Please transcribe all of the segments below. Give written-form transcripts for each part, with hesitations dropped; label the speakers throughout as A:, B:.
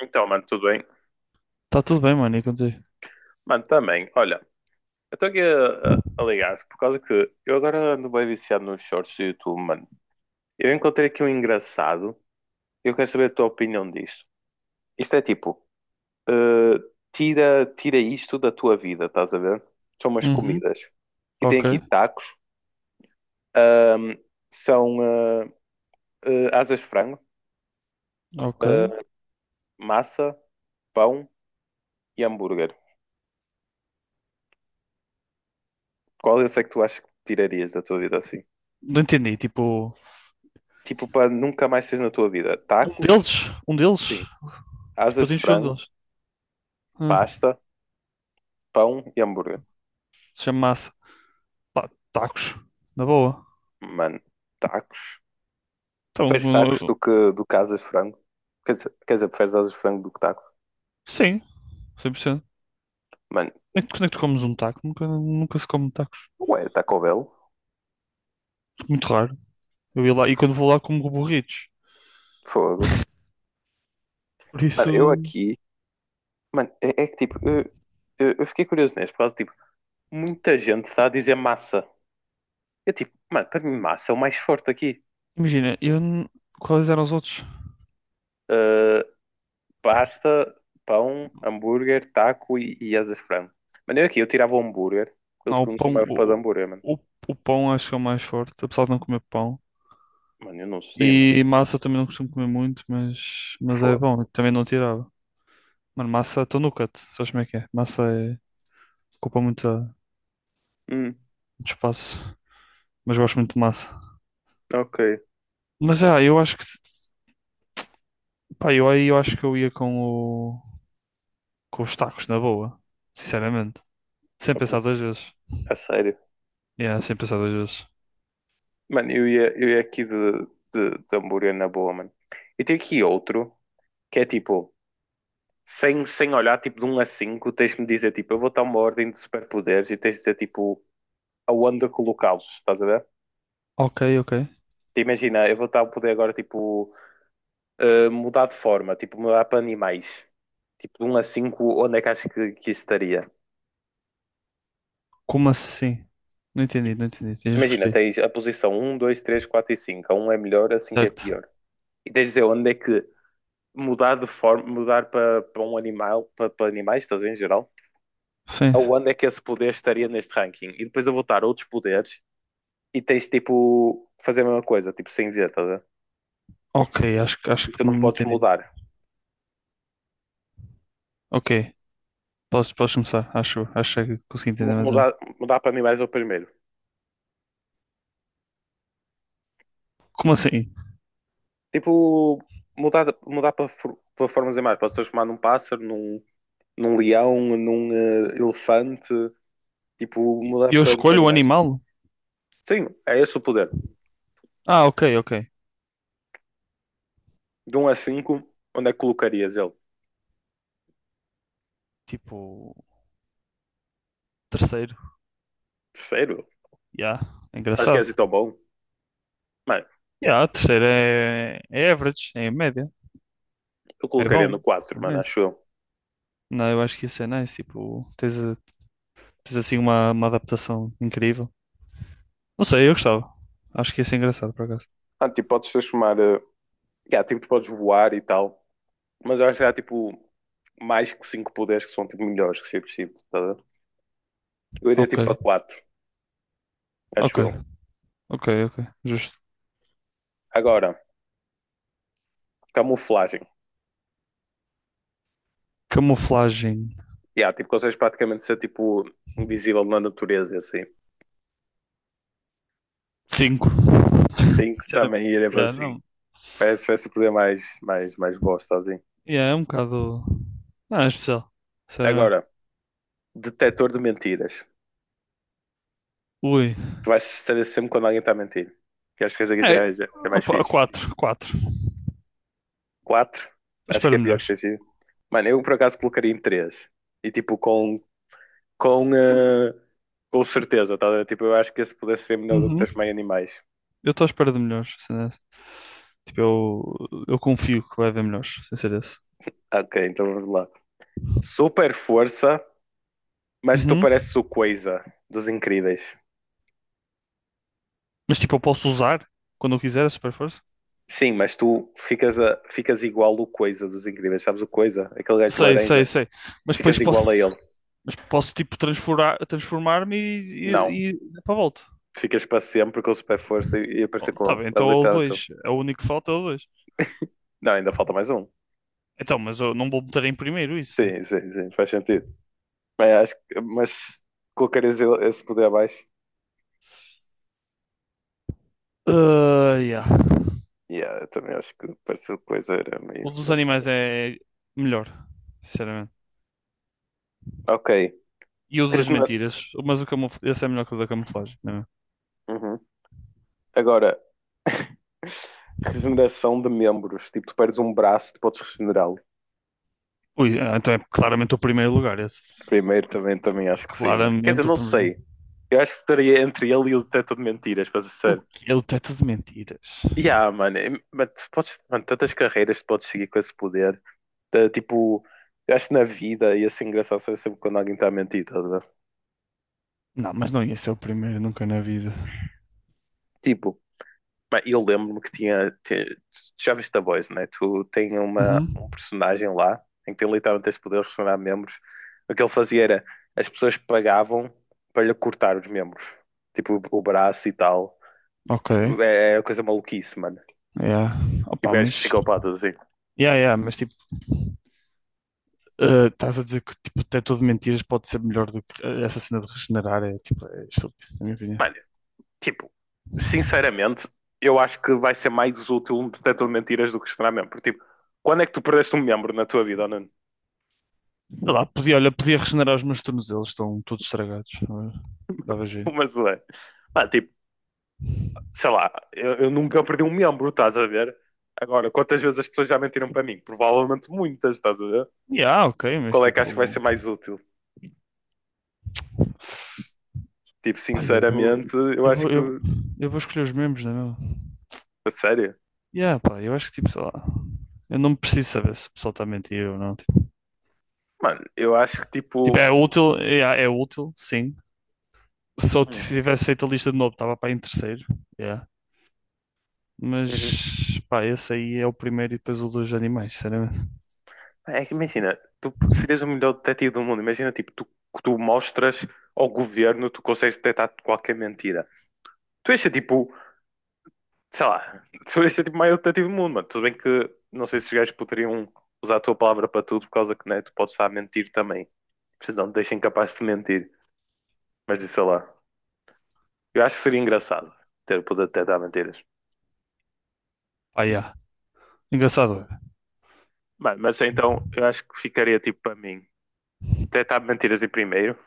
A: Então, mano, tudo bem?
B: Tá tudo bem, mano, e contigo?
A: Mano, também, olha, eu estou aqui a ligar por causa que eu agora ando bem viciado nos shorts do YouTube, mano. Eu encontrei aqui um engraçado e eu quero saber a tua opinião disto. Isto é tipo, eh, tira, tira isto da tua vida, estás a ver? São umas
B: Uhum.
A: comidas. E tem
B: Ok,
A: aqui tacos, ahm, são asas de frango,
B: ok.
A: ah, massa, pão e hambúrguer. Qual é que tu achas que tirarias da tua vida assim?
B: Não entendi, tipo,
A: Tipo, para nunca mais teres na tua vida?
B: um
A: Tacos?
B: deles? Um deles?
A: Sim.
B: Tipo, eu
A: Asas de
B: tenho de um
A: frango,
B: deles. Ah,
A: pasta, pão e hambúrguer.
B: se chama massa. Pá, tacos. Na boa.
A: Mano, tacos.
B: Então,
A: Preferes tacos do
B: eu-
A: que, do que asas de frango? Quer dizer, preferes asas de frango do que tacos?
B: sim, 100%.
A: Mano,
B: Quando é que tu comes um taco? Nunca, nunca se come tacos.
A: ué, Taco Bell?
B: Muito raro. Eu ia lá, e quando vou lá como burritos.
A: Fogo.
B: Por
A: Mano, eu
B: isso,
A: aqui. Mano, é que tipo. Eu fiquei curioso nesse por causa de tipo. Muita gente está a dizer massa. Eu tipo, mano, para mim massa é o mais forte aqui.
B: imagina, Quais eram os outros?
A: Uh, pasta, pão, hambúrguer, taco e asas de frango. Mano, eu aqui, eu tirava o hambúrguer. Eles
B: Não,
A: que eu não sou mais fã de hambúrguer, mano.
B: O, o pão acho que é o mais forte, apesar de não comer pão.
A: Mano, eu não sei, mano.
B: E massa também não costumo comer muito, mas é
A: Fogo.
B: bom. Eu Também não tirava. Mano, massa estou no cut. Sabes como é que é? Massa é, ocupa muito, muito
A: Hum,
B: espaço. Mas gosto muito de massa.
A: ok.
B: Mas eu acho que pá, eu aí eu acho que eu ia com o com os tacos na boa. Sinceramente. Sem
A: Opa,
B: pensar duas vezes.
A: a sério.
B: Yeah, sem pensar duas vezes.
A: Mano, eu ia aqui de hambúrguer na boa, mano. E tem aqui outro, que é tipo, sem olhar, tipo de um a 5 tens de me dizer, tipo, eu vou dar uma ordem de superpoderes e tens de dizer, tipo, aonde colocá-los, estás a ver?
B: Ok, ok.
A: Te Imagina, eu vou dar o poder agora, tipo, mudar de forma, tipo, mudar para animais. Tipo, de um a 5 onde é que acho que isso estaria?
B: Como assim? Não entendi,
A: Tipo,
B: não entendi. Tens de
A: imagina,
B: repetir.
A: tens a posição um, dois, três, 4 e cinco. A um é melhor, a cinco é
B: Certo.
A: pior. E tens de dizer onde é que mudar de forma, mudar para um animal, para animais, estás a ver, em geral,
B: Sim.
A: aonde é que esse poder estaria neste ranking? E depois eu vou dar outros poderes e tens tipo fazer a mesma coisa, tipo sem ver, estás a ver?
B: Ok, acho
A: E tu
B: que
A: não
B: me
A: podes
B: entendi.
A: mudar.
B: Ok. Podes, podes começar. Acho, acho que consegui
A: Mu-
B: entender mais ou
A: Mudar,
B: menos.
A: mudar para animais é o primeiro.
B: Como assim?
A: Tipo, mudar para, para formas de animais. Podes transformar num pássaro, num leão, num elefante. Tipo, mudar
B: Eu
A: para
B: escolho o
A: animais.
B: animal?
A: Sim, é esse o poder.
B: Ah, ok, ok.
A: De um a 5, onde é que colocarias ele?
B: Tipo, terceiro.
A: Terceiro?
B: Ya, é
A: Acho que é
B: engraçado.
A: assim tão bom. Mano,
B: Ya, terceiro é, é average, é a média.
A: eu
B: É
A: colocaria
B: bom.
A: no 4,
B: É
A: mano,
B: nice.
A: acho eu.
B: Não, eu acho que isso é nice. Tipo, tens assim uma adaptação incrível. Não sei, eu gostava. Acho que isso é engraçado, por acaso.
A: Ah, tipo, podes transformar. Yeah, tipo, tu podes voar e tal. Mas eu acho que há, tipo, mais que 5 poderes que são, tipo, melhores que ser preciso, tá a ver? Eu iria,
B: Ok,
A: tipo, para quatro,
B: ok,
A: acho eu.
B: ok. Justo.
A: Agora, camuflagem.
B: Camuflagem.
A: Yeah, tipo, consegues praticamente ser, tipo, invisível na natureza, e assim.
B: Cinco.
A: Cinco, também
B: Sinceramente.
A: iria para
B: Yeah,
A: 5.
B: não.
A: Parece o poder mais, mais, mais bosta, assim.
B: Yeah, é um bocado. Não, é especial. Sinceramente.
A: Agora, detector de mentiras.
B: Ui.
A: Tu vais saber sempre quando alguém está a mentir. Que acho que esse aqui
B: É,
A: já, já é mais
B: opa,
A: fixe.
B: quatro, quatro. Estou
A: Quatro?
B: à
A: Acho que
B: espera
A: é
B: de
A: pior que
B: melhores.
A: Chefia. Mano, eu por acaso colocaria em três. E tipo, com, eh, com certeza, tá a ver? Tipo, eu acho que esse pudesse ser melhor do que
B: Uhum.
A: Tasmania Animais.
B: Eu estou à espera de melhores. Assim, né? Tipo, eu confio que vai haver melhores, sem ser esse.
A: Ok, então vamos lá. Super força, mas tu
B: Uhum.
A: pareces o Coisa dos Incríveis.
B: Mas tipo, eu posso usar quando eu quiser a super força?
A: Sim, mas tu ficas, ficas igual o Coisa dos Incríveis. Sabes o Coisa? Aquele gajo de
B: Sei, sei,
A: laranja.
B: sei. Mas depois
A: Ficas igual a
B: posso,
A: ele.
B: mas posso tipo transformar, transformar-me e,
A: Não.
B: e, e dar para a volta.
A: Ficas para sempre com super força e
B: Oh,
A: aparecer com
B: tá
A: ele.
B: bem,
A: É
B: então é o
A: literalmente ele.
B: dois. É o único que falta, é o dois.
A: Não, ainda falta mais um.
B: Então, mas eu não vou meter em primeiro isso, né?
A: Sim, sim, sim. Faz sentido. Bem, mas colocares ele esse poder abaixo.
B: Ah, yeah.
A: Yeah, eu também acho que pareceu coisa era
B: O
A: meio,
B: dos
A: meio
B: animais
A: estranho.
B: é melhor, sinceramente.
A: Ok.
B: E o das
A: Regenera...
B: mentiras, mas esse é melhor que o da camuflagem, não é?
A: Uhum. Agora, regeneração de membros. Tipo, tu perdes um braço, tu podes regenerá-lo.
B: Ui, ah, então é claramente o primeiro lugar esse.
A: Primeiro também acho que sim, mano. Quer dizer,
B: Claramente o
A: não
B: primeiro.
A: sei. Eu acho que estaria entre ele e o detector de mentiras, para ser
B: O
A: sério.
B: quê? É o teto de mentiras.
A: Yeah, mano, mas tu podes, mano, tantas carreiras tu podes seguir com esse poder. Tá, tipo, eu acho que na vida ia ser engraçado saber sempre quando alguém está a mentir, tá a ver?
B: Não, mas não ia ser o primeiro nunca na vida.
A: Tipo, mas eu lembro-me que tu já viste The Boys, né? Tu tem uma, um
B: Uhum.
A: personagem lá em que tem literalmente esse poder de restaurar membros. O que ele fazia era as pessoas pagavam para lhe cortar os membros, tipo o braço e tal.
B: Ok.
A: Tipo, é coisa maluquice, mano.
B: Yeah.
A: Tipo,
B: Opa,
A: gajos
B: mas.
A: psicopatas assim.
B: Yeah, mas tipo. Ah, estás a dizer que tipo, o teto de mentiras pode ser melhor do que ah, essa cena de regenerar? É tipo, é estúpido, na minha opinião.
A: Mano, tipo, sinceramente, eu acho que vai ser mais útil um detector de mentiras do que restaurar membros. Porque, tipo, quando é que tu perdeste um membro na tua vida, Nuno?
B: Sei lá, podia, olha, podia regenerar os meus tornozelos, estão todos estragados. Não é? Dava jeito.
A: Mas, ué, tipo, sei lá, eu nunca perdi um membro, estás a ver? Agora, quantas vezes as pessoas já mentiram para mim? Provavelmente muitas, estás a ver?
B: Yeah, ok,
A: E
B: mas
A: qual é que acho que vai
B: tipo.
A: ser mais útil? Tipo,
B: Pá,
A: sinceramente, eu
B: eu vou,
A: acho que,
B: eu, eu vou escolher os membros, não é mesmo?
A: a sério,
B: Yeah, pá, eu acho que tipo, sei lá. Eu não preciso saber se o pessoal está a mentir ou não.
A: mano, eu acho que
B: Tipo,
A: tipo,
B: é útil, é útil, sim. Se eu
A: hum,
B: tivesse feito a lista de novo, estava para em terceiro. Yeah.
A: uhum.
B: Mas, pá, esse aí é o primeiro e depois o dos animais, sinceramente.
A: É que imagina, tu serias o melhor detetive do mundo, imagina tipo, tu mostras ao governo, tu consegues detectar qualquer mentira. Tu és tipo sei lá, tu és tipo o maior detetive do mundo, mano. Tudo bem que não sei se os gajos poderiam usar a tua palavra para tudo, por causa que né, tu podes estar a mentir também. Vocês não te deixem capaz de mentir. Mas sei lá, eu acho que seria engraçado ter o poder de detectar mentiras.
B: Pá, yeah. Engraçado.
A: Mano, mas então eu acho que ficaria tipo para mim: detectar mentiras em primeiro,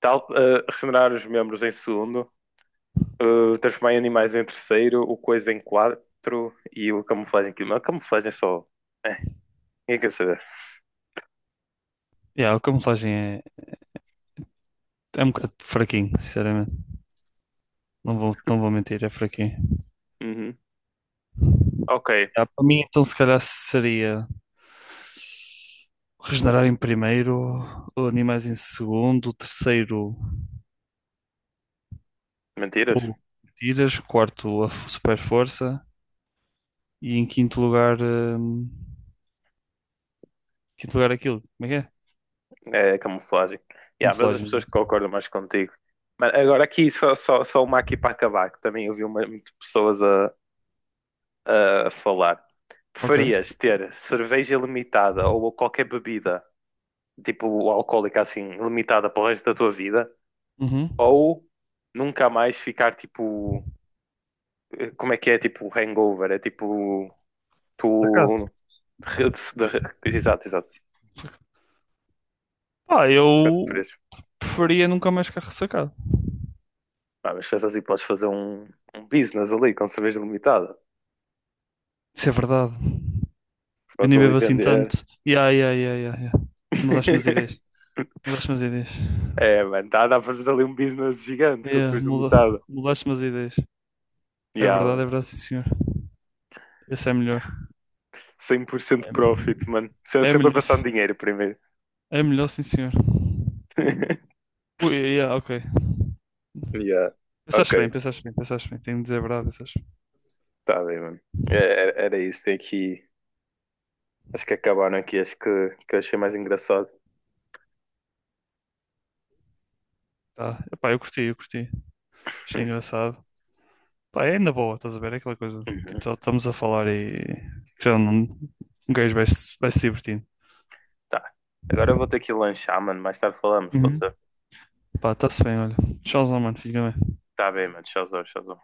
A: tal, regenerar os membros em segundo, transformar em animais em terceiro, o coisa em quatro e o camuflagem em quinto. Mas a camuflagem é só. É, ninguém quer saber.
B: Yeah, a camuflagem é, é um bocado fraquinho, sinceramente. Não vou, não vou mentir, é fraquinho.
A: Uhum. Ok,
B: Ah, para mim, então, se calhar seria regenerar em primeiro, o animais em segundo, o terceiro,
A: mentiras.
B: o tiras, quarto, super força e em quinto lugar aquilo, como é que é?
A: É a camuflagem. Yeah, mas as
B: Camuflagem,
A: pessoas que
B: exato.
A: concordam mais contigo. Mas agora aqui, só uma aqui para acabar, que também ouvi muitas pessoas a falar.
B: Ok.
A: Preferias ter cerveja limitada ou qualquer bebida, tipo alcoólica assim, limitada para o resto da tua vida,
B: Uhum.
A: ou nunca mais ficar tipo, como é que é, tipo hangover, é tipo,
B: Sacado.
A: tu... re- de- Exato, exato. O
B: Saca- Pá,
A: que é que
B: eu
A: preferias?
B: preferia nunca mais ficar ressacado.
A: Ah, mas pensa assim, podes fazer um, business ali com cerveja limitada.
B: Isso é verdade. Eu
A: Podes
B: nem
A: ali
B: bebo assim
A: vender.
B: tanto. Yeah, yeah, yeah, yeah, yeah. Mudaste-me as ideias. Mudaste-me as ideias.
A: É, mano, dá para fazer ali um business gigante com
B: Yeah,
A: cerveja limitada.
B: mudaste-me as ideias. É
A: Yeah,
B: verdade,
A: mano.
B: sim, senhor. Esse é melhor.
A: 100% profit, mano. Sempre
B: É
A: sempre a
B: melhor,
A: passar no dinheiro primeiro.
B: é melhor, sim, senhor. Ui, yeah, ok.
A: Yeah. Ok,
B: Pensaste bem, pensaste bem. Tenho de dizer a verdade, pensaste bem.
A: tá bem, mano. É, era isso. Tem aqui. Acho que acabaram aqui. Acho que eu achei mais engraçado.
B: Tá. Epá, eu curti, eu curti. Achei engraçado. Pá, é na boa, estás a ver? É aquela coisa.
A: Uhum.
B: Estamos a falar e. Já não... Um gajo vai se divertindo.
A: Tá. Agora eu vou ter que lanchar, mano. Mais tarde falamos, pode
B: Uhum.
A: ser?
B: Pá, está-se bem, olha. Tchauzão, mano. Fica bem.
A: Tá bem, mano. Tchauzão, tchauzão.